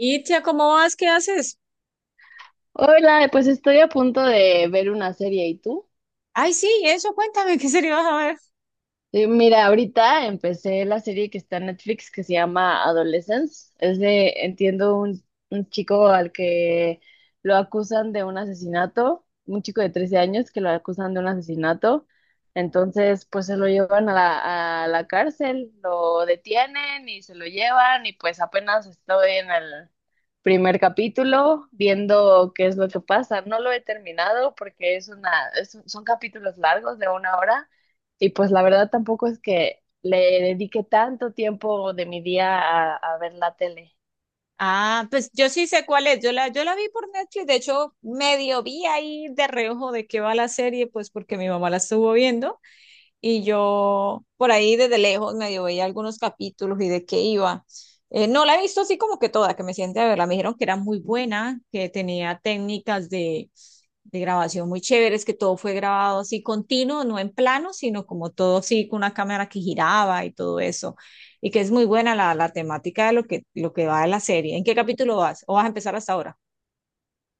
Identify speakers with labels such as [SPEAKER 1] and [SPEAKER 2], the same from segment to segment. [SPEAKER 1] Itzia, ¿cómo vas? ¿Qué haces?
[SPEAKER 2] Hola, pues estoy a punto de ver una serie. ¿Y tú?
[SPEAKER 1] Ay, sí, eso, cuéntame, ¿qué serie vas a ver?
[SPEAKER 2] Sí, mira, ahorita empecé la serie que está en Netflix que se llama Adolescence. Es de, entiendo, un chico al que lo acusan de un asesinato, un chico de 13 años que lo acusan de un asesinato. Entonces, pues se lo llevan a la cárcel, lo detienen y se lo llevan y pues apenas estoy en el primer capítulo viendo qué es lo que pasa. No lo he terminado porque es una, es un- son capítulos largos de una hora. Y pues la verdad tampoco es que le dedique tanto tiempo de mi día a ver la tele.
[SPEAKER 1] Ah, pues yo sí sé cuál es. Yo la vi por Netflix, de hecho, medio vi ahí de reojo de qué va la serie, pues porque mi mamá la estuvo viendo. Y yo por ahí desde lejos medio veía algunos capítulos y de qué iba. No la he visto así como que toda, que me siente a verla. Me dijeron que era muy buena, que tenía técnicas de grabación muy chéveres, que todo fue grabado así continuo, no en plano, sino como todo así con una cámara que giraba y todo eso. Y que es muy buena la temática de lo lo que va de la serie. ¿En qué capítulo vas? ¿O vas a empezar hasta ahora?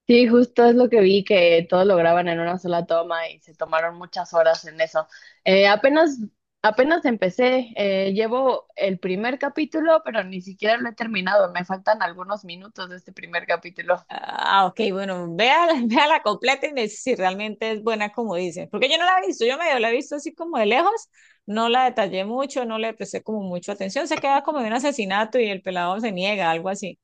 [SPEAKER 2] Sí, justo es lo que vi, que todo lo graban en una sola toma y se tomaron muchas horas en eso. Eh, apenas, apenas empecé, llevo el primer capítulo, pero ni siquiera lo he terminado. Me faltan algunos minutos de este primer capítulo.
[SPEAKER 1] Ah, ok, bueno, vea, vea la completa y me dice si realmente es buena como dicen. Porque yo no la he visto, yo medio la he visto así como de lejos, no la detallé mucho, no le presté como mucho atención. Se queda como de un asesinato y el pelado se niega, algo así.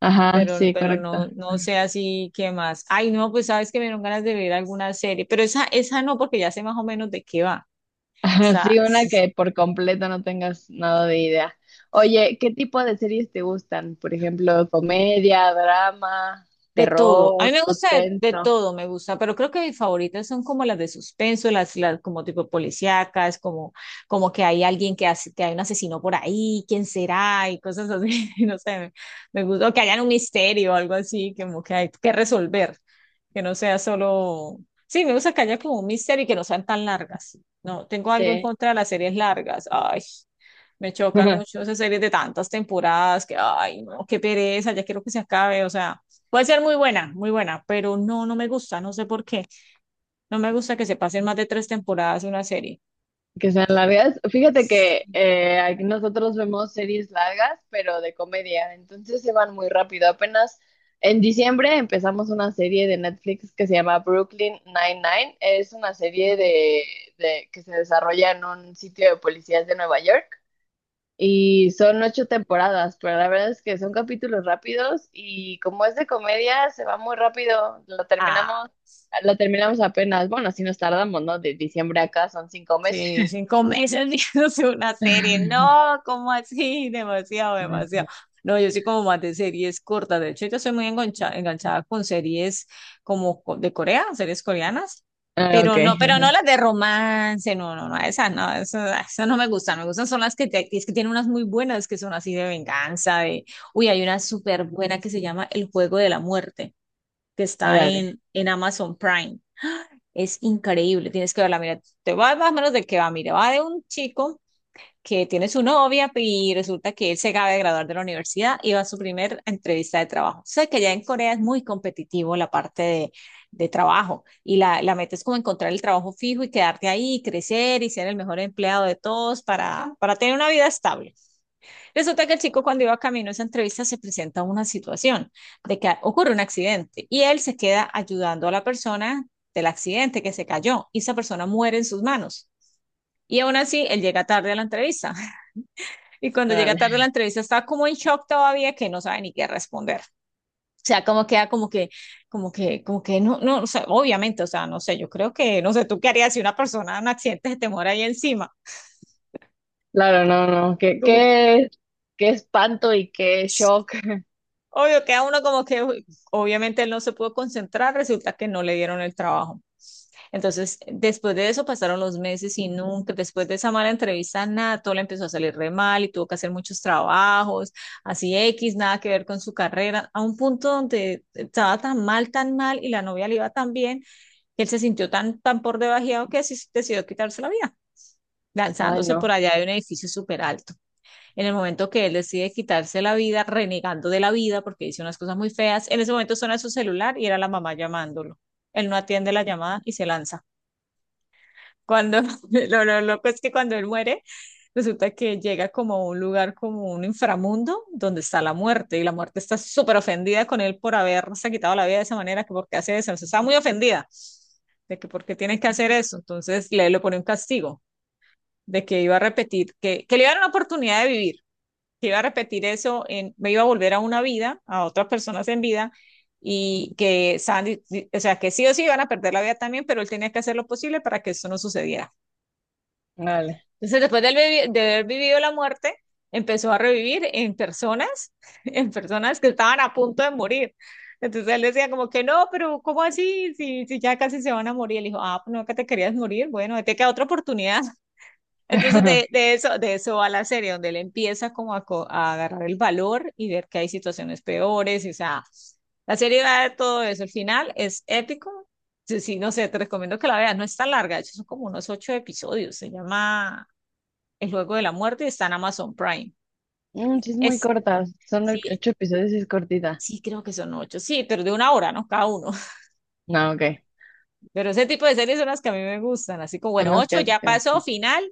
[SPEAKER 2] Ajá, sí,
[SPEAKER 1] Pero
[SPEAKER 2] correcto.
[SPEAKER 1] no, no sé así qué más. Ay, no, pues sabes que me dieron ganas de ver alguna serie, pero esa no, porque ya sé más o menos de qué va. O
[SPEAKER 2] Ajá, sí, una que por completo no tengas nada de idea. Oye, ¿qué tipo de series te gustan? Por ejemplo, comedia, drama,
[SPEAKER 1] de todo. A mí
[SPEAKER 2] terror,
[SPEAKER 1] me gusta de
[SPEAKER 2] suspenso.
[SPEAKER 1] todo, me gusta, pero creo que mis favoritas son como las de suspenso, las como tipo policíacas, como, como que hay alguien que hace, que hay un asesino por ahí, quién será y cosas así, no sé, me gusta, o que hayan un misterio o algo así, como que hay que resolver, que no sea solo, sí, me gusta que haya como un misterio y que no sean tan largas. No, tengo algo en
[SPEAKER 2] Sí.
[SPEAKER 1] contra de las series largas. Ay. Me chocan mucho esas series de tantas temporadas que, ay, no, qué pereza, ya quiero que se acabe. O sea, puede ser muy buena, pero no, no me gusta, no sé por qué. No me gusta que se pasen más de tres temporadas de una serie.
[SPEAKER 2] Que sean largas. Fíjate que aquí nosotros vemos series largas, pero de comedia, entonces se van muy rápido. Apenas en diciembre empezamos una serie de Netflix que se llama Brooklyn Nine-Nine. Es una serie que se desarrolla en un sitio de policías de Nueva York. Y son ocho temporadas, pero la verdad es que son capítulos rápidos y como es de comedia, se va muy rápido.
[SPEAKER 1] Ah,
[SPEAKER 2] Lo terminamos apenas. Bueno, así nos tardamos, ¿no? De diciembre acá son cinco
[SPEAKER 1] sí,
[SPEAKER 2] meses.
[SPEAKER 1] cinco meses viéndose una serie. No, ¿cómo así? Demasiado, demasiado. No, yo soy como más de series cortas. De hecho, yo soy muy enganchada con series como de Corea, series coreanas.
[SPEAKER 2] Ah, ok,
[SPEAKER 1] Pero no
[SPEAKER 2] ajá.
[SPEAKER 1] las de romance, no, no, no, esas no, esas, esas no me gustan. Me gustan son las que, es que tienen unas muy buenas que son así de venganza, de, uy, hay una súper buena que se llama El Juego de la Muerte, que está
[SPEAKER 2] Órale,
[SPEAKER 1] en Amazon Prime. Es increíble, tienes que verla. Mira, te va más o menos de qué va. Mira, va de un chico que tiene su novia y resulta que él se acaba de graduar de la universidad y va a su primer entrevista de trabajo. Sé que ya en Corea es muy competitivo la parte de trabajo y la meta es como encontrar el trabajo fijo y quedarte ahí, crecer y ser el mejor empleado de todos para tener una vida estable. Resulta que el chico cuando iba camino a esa entrevista se presenta una situación de que ocurre un accidente y él se queda ayudando a la persona del accidente que se cayó y esa persona muere en sus manos. Y aún así, él llega tarde a la entrevista. Y cuando llega
[SPEAKER 2] órale.
[SPEAKER 1] tarde a la entrevista está como en shock todavía que no sabe ni qué responder. O sea, como queda como que, como que, como que no, no, o sea, obviamente, o sea, no sé, yo creo que, no sé, tú qué harías si una persona en un accidente se te muere ahí encima.
[SPEAKER 2] Claro, no, no.
[SPEAKER 1] Como,
[SPEAKER 2] Qué espanto y qué shock.
[SPEAKER 1] obvio, queda uno como que uy, obviamente él no se pudo concentrar, resulta que no le dieron el trabajo. Entonces, después de eso pasaron los meses y nunca, después de esa mala entrevista, nada, todo le empezó a salir re mal y tuvo que hacer muchos trabajos, así X, nada que ver con su carrera, a un punto donde estaba tan mal y la novia le iba tan bien, que él se sintió tan, tan por debajeado que así decidió quitarse la vida,
[SPEAKER 2] Ay,
[SPEAKER 1] lanzándose por
[SPEAKER 2] no,
[SPEAKER 1] allá de un edificio súper alto. En el momento que él decide quitarse la vida, renegando de la vida porque dice unas cosas muy feas, en ese momento suena su celular y era la mamá llamándolo. Él no atiende la llamada y se lanza. Cuando lo loco es que cuando él muere, resulta que llega como a un lugar, como un inframundo, donde está la muerte y la muerte está súper ofendida con él por haberse quitado la vida de esa manera, que porque hace eso, o sea, está muy ofendida de que por qué tienen que hacer eso. Entonces le pone un castigo de que iba a repetir, que le iba a dar una oportunidad de vivir que iba a repetir eso, en, me iba a volver a una vida, a otras personas en vida, y que Sandy, o sea, que sí o sí iban a perder la vida también, pero él tenía que hacer lo posible para que eso no sucediera.
[SPEAKER 2] órale.
[SPEAKER 1] Entonces, después de haber vivido la muerte, empezó a revivir en personas, en personas que estaban a punto de morir. Entonces él decía como que no, pero ¿cómo así? Si ya casi se van a morir. Él dijo, ah, pues no, que te querías morir. Bueno, te queda otra oportunidad. Entonces de eso va la serie, donde él empieza como a, a agarrar el valor y ver que hay situaciones peores, o sea, la serie va de todo eso, el final es épico, sí, sí, no sé, te recomiendo que la veas, no es tan larga, de hecho son como unos ocho episodios, se llama El Juego de la Muerte y está en Amazon Prime,
[SPEAKER 2] Mm, sí, es muy
[SPEAKER 1] es,
[SPEAKER 2] corta. Son
[SPEAKER 1] sí,
[SPEAKER 2] ocho episodios y es cortita.
[SPEAKER 1] sí creo que son ocho, sí, pero de una hora, ¿no? Cada uno,
[SPEAKER 2] No, ok.
[SPEAKER 1] pero ese tipo de series son las que a mí me gustan, así como,
[SPEAKER 2] Son
[SPEAKER 1] bueno,
[SPEAKER 2] los
[SPEAKER 1] ocho
[SPEAKER 2] que
[SPEAKER 1] ya
[SPEAKER 2] te
[SPEAKER 1] pasó,
[SPEAKER 2] gustan.
[SPEAKER 1] final,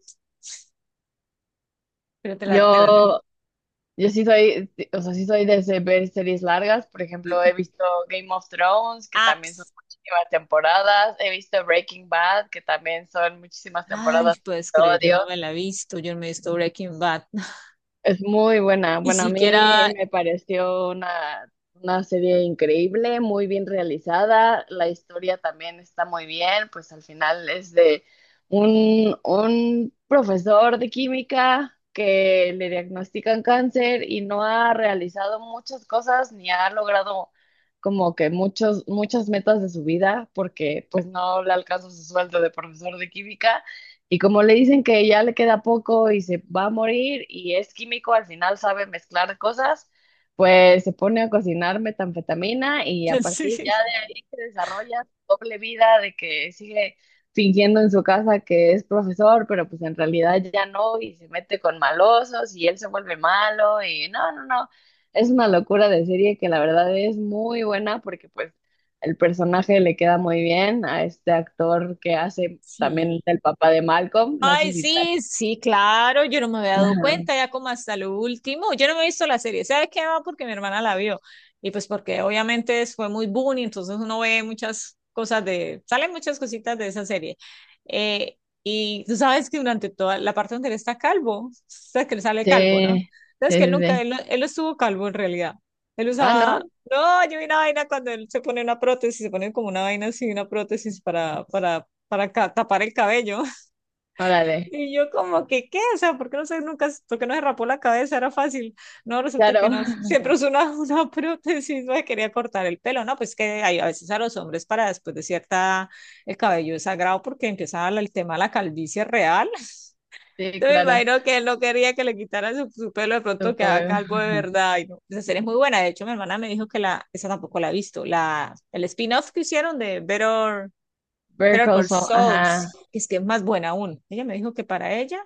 [SPEAKER 1] pero te la,
[SPEAKER 2] Yo. Yo sí soy, o sea, sí soy de ver series largas. Por ejemplo, he
[SPEAKER 1] sí.
[SPEAKER 2] visto Game of Thrones, que
[SPEAKER 1] Ah,
[SPEAKER 2] también son
[SPEAKER 1] pues.
[SPEAKER 2] muchísimas temporadas. He visto Breaking Bad, que también son muchísimas
[SPEAKER 1] Ay,
[SPEAKER 2] temporadas.
[SPEAKER 1] ¿puedes
[SPEAKER 2] Lo
[SPEAKER 1] creer? Yo
[SPEAKER 2] odio.
[SPEAKER 1] no me la he visto, yo no me he visto Breaking Bad,
[SPEAKER 2] Es muy buena.
[SPEAKER 1] ni
[SPEAKER 2] Bueno, a mí
[SPEAKER 1] siquiera,
[SPEAKER 2] me pareció una serie increíble, muy bien realizada. La historia también está muy bien, pues al final es de un profesor de química que le diagnostican cáncer y no ha realizado muchas cosas ni ha logrado como que muchos, muchas metas de su vida porque pues no le alcanza su sueldo de profesor de química. Y como le dicen que ya le queda poco y se va a morir y es químico, al final sabe mezclar cosas, pues se pone a cocinar metanfetamina y a partir
[SPEAKER 1] sí,
[SPEAKER 2] ya de ahí se desarrolla su doble vida de que sigue fingiendo en su casa que es profesor, pero pues en realidad ya no y se mete con malosos y él se vuelve malo y no, no, no. Es una locura de serie que la verdad es muy buena porque pues el personaje le queda muy bien a este actor que hace también
[SPEAKER 1] sí,
[SPEAKER 2] el papá de Malcolm. No sé
[SPEAKER 1] ay,
[SPEAKER 2] si te...
[SPEAKER 1] sí, sí, claro, yo no me había dado
[SPEAKER 2] Ajá.
[SPEAKER 1] cuenta ya como hasta lo último. Yo no me he visto la serie, ¿sabes qué? Ah, porque mi hermana la vio. Y pues porque obviamente fue muy boom y entonces uno ve muchas cosas de, salen muchas cositas de esa serie. Eh, y tú sabes que durante toda la parte donde él está calvo, sabes que le sale
[SPEAKER 2] Sí,
[SPEAKER 1] calvo, ¿no?
[SPEAKER 2] sí,
[SPEAKER 1] Sabes que él
[SPEAKER 2] sí.
[SPEAKER 1] nunca,
[SPEAKER 2] Sí.
[SPEAKER 1] él no estuvo calvo en realidad. Él
[SPEAKER 2] Ah,
[SPEAKER 1] usaba,
[SPEAKER 2] ¿no?
[SPEAKER 1] no, yo vi una vaina cuando él se pone una prótesis, se pone como una vaina así, una prótesis para, ca- tapar el cabello.
[SPEAKER 2] Órale.
[SPEAKER 1] Y yo como que, ¿qué? O sea, ¿por qué no se, nunca, por qué no se rapó la cabeza? Era fácil. No, resulta que
[SPEAKER 2] Claro.
[SPEAKER 1] no. Siempre usó una, una prótesis, me quería cortar el pelo, ¿no? Pues que hay a veces a los hombres para después de cierta, el cabello es sagrado porque empieza el tema de la calvicie real.
[SPEAKER 2] Sí,
[SPEAKER 1] Entonces me
[SPEAKER 2] claro.
[SPEAKER 1] imagino que él no quería que le quitaran su pelo, de
[SPEAKER 2] Tu
[SPEAKER 1] pronto quedaba
[SPEAKER 2] cabello.
[SPEAKER 1] calvo de verdad. Y no. Esa serie es muy buena. De hecho, mi hermana me dijo que la, esa tampoco la ha visto. La, el spin-off que hicieron de Better,
[SPEAKER 2] Better
[SPEAKER 1] Better
[SPEAKER 2] Call
[SPEAKER 1] Call
[SPEAKER 2] Saul,
[SPEAKER 1] Saul, sí,
[SPEAKER 2] ajá.
[SPEAKER 1] es que es más buena aún. Ella me dijo que para ella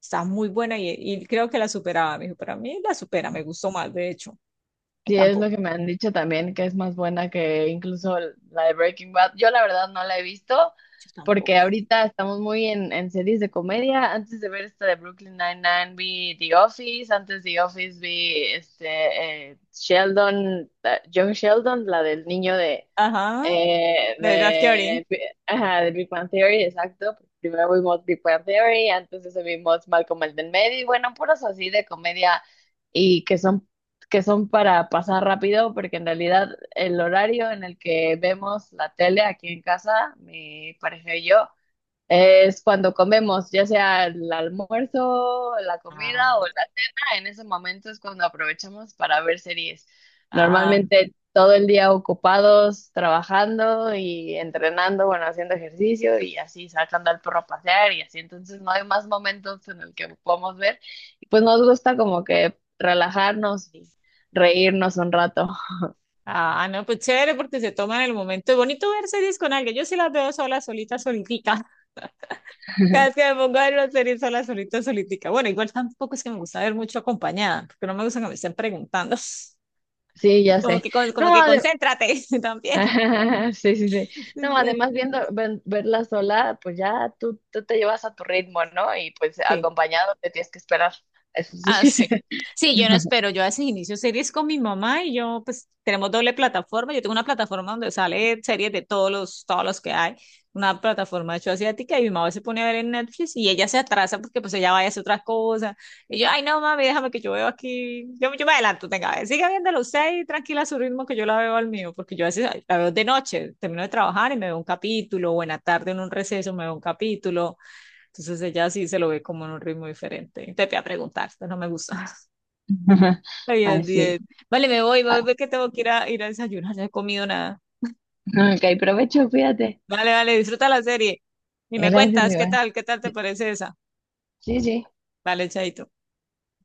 [SPEAKER 1] está muy buena y creo que la superaba. Me dijo, para mí la supera, me gustó más, de hecho. Y
[SPEAKER 2] Sí, es lo
[SPEAKER 1] tampoco,
[SPEAKER 2] que me han dicho también, que es más buena que incluso la de Breaking Bad. Yo la verdad no la he visto
[SPEAKER 1] yo tampoco.
[SPEAKER 2] porque ahorita estamos muy en series de comedia. Antes de ver esta de Brooklyn Nine-Nine vi The Office, antes de The Office vi este, Sheldon, Young Sheldon, la del niño de,
[SPEAKER 1] Ajá,
[SPEAKER 2] eh,
[SPEAKER 1] de verdad, Theory.
[SPEAKER 2] de, ajá, de Big Bang Theory, exacto. Primero vimos Big Bang Theory, antes de eso vimos Malcolm el del medio, y bueno, puros así de comedia y que son para pasar rápido, porque en realidad el horario en el que vemos la tele aquí en casa, mi pareja y yo, es cuando comemos, ya sea el almuerzo, la comida o
[SPEAKER 1] Ah,
[SPEAKER 2] la cena, en ese momento es cuando aprovechamos para ver series.
[SPEAKER 1] ah,
[SPEAKER 2] Normalmente todo el día ocupados, trabajando y entrenando, bueno, haciendo ejercicio y así sacando al perro a pasear y así. Entonces no hay más momentos en el que podamos ver. Y pues nos gusta como que relajarnos y reírnos un rato.
[SPEAKER 1] ah, no, pues chévere porque se toman el momento. Es bonito ver series con alguien. Yo sí las veo sola, solita, solitica. Cada vez que me pongo a ver una serie sola, solita, solitica. Bueno, igual tampoco es que me gusta ver mucho acompañada, porque no me gusta que me estén preguntando.
[SPEAKER 2] Sí, ya
[SPEAKER 1] Como
[SPEAKER 2] sé.
[SPEAKER 1] que, con- como que
[SPEAKER 2] No, de
[SPEAKER 1] concéntrate también.
[SPEAKER 2] Sí, sí, sí. No, además viendo verla sola, pues ya tú te llevas a tu ritmo, ¿no? Y pues
[SPEAKER 1] Sí.
[SPEAKER 2] acompañado te tienes que esperar. Eso
[SPEAKER 1] Ah,
[SPEAKER 2] sí.
[SPEAKER 1] sí. Sí, yo no espero. Yo a veces inicio series con mi mamá y yo, pues, tenemos doble plataforma. Yo tengo una plataforma donde sale series de todos todos los que hay. Una plataforma de hecho asiática y mi mamá se pone a ver en Netflix y ella se atrasa porque pues ella vaya a hacer otras cosas. Y yo, ay no, mami, déjame que yo veo aquí. Yo me adelanto, tenga, a ver, siga viéndolo usted y tranquila a su ritmo que yo la veo al mío, porque yo a veces la veo de noche, termino de trabajar y me veo un capítulo, o en la tarde en un receso me veo un capítulo, entonces ella sí se lo ve como en un ritmo diferente. Te voy a preguntar, esto no me gusta. Bien, bien.
[SPEAKER 2] Así.
[SPEAKER 1] Vale, me
[SPEAKER 2] Ah,
[SPEAKER 1] voy porque tengo que ir ir a desayunar, no he comido nada.
[SPEAKER 2] ok, provecho, fíjate.
[SPEAKER 1] Vale, vale, disfruta la serie. Y me
[SPEAKER 2] Gracias,
[SPEAKER 1] cuentas, ¿qué
[SPEAKER 2] igual.
[SPEAKER 1] tal? ¿Qué tal te parece esa?
[SPEAKER 2] Sí, sí.
[SPEAKER 1] Vale, chaito.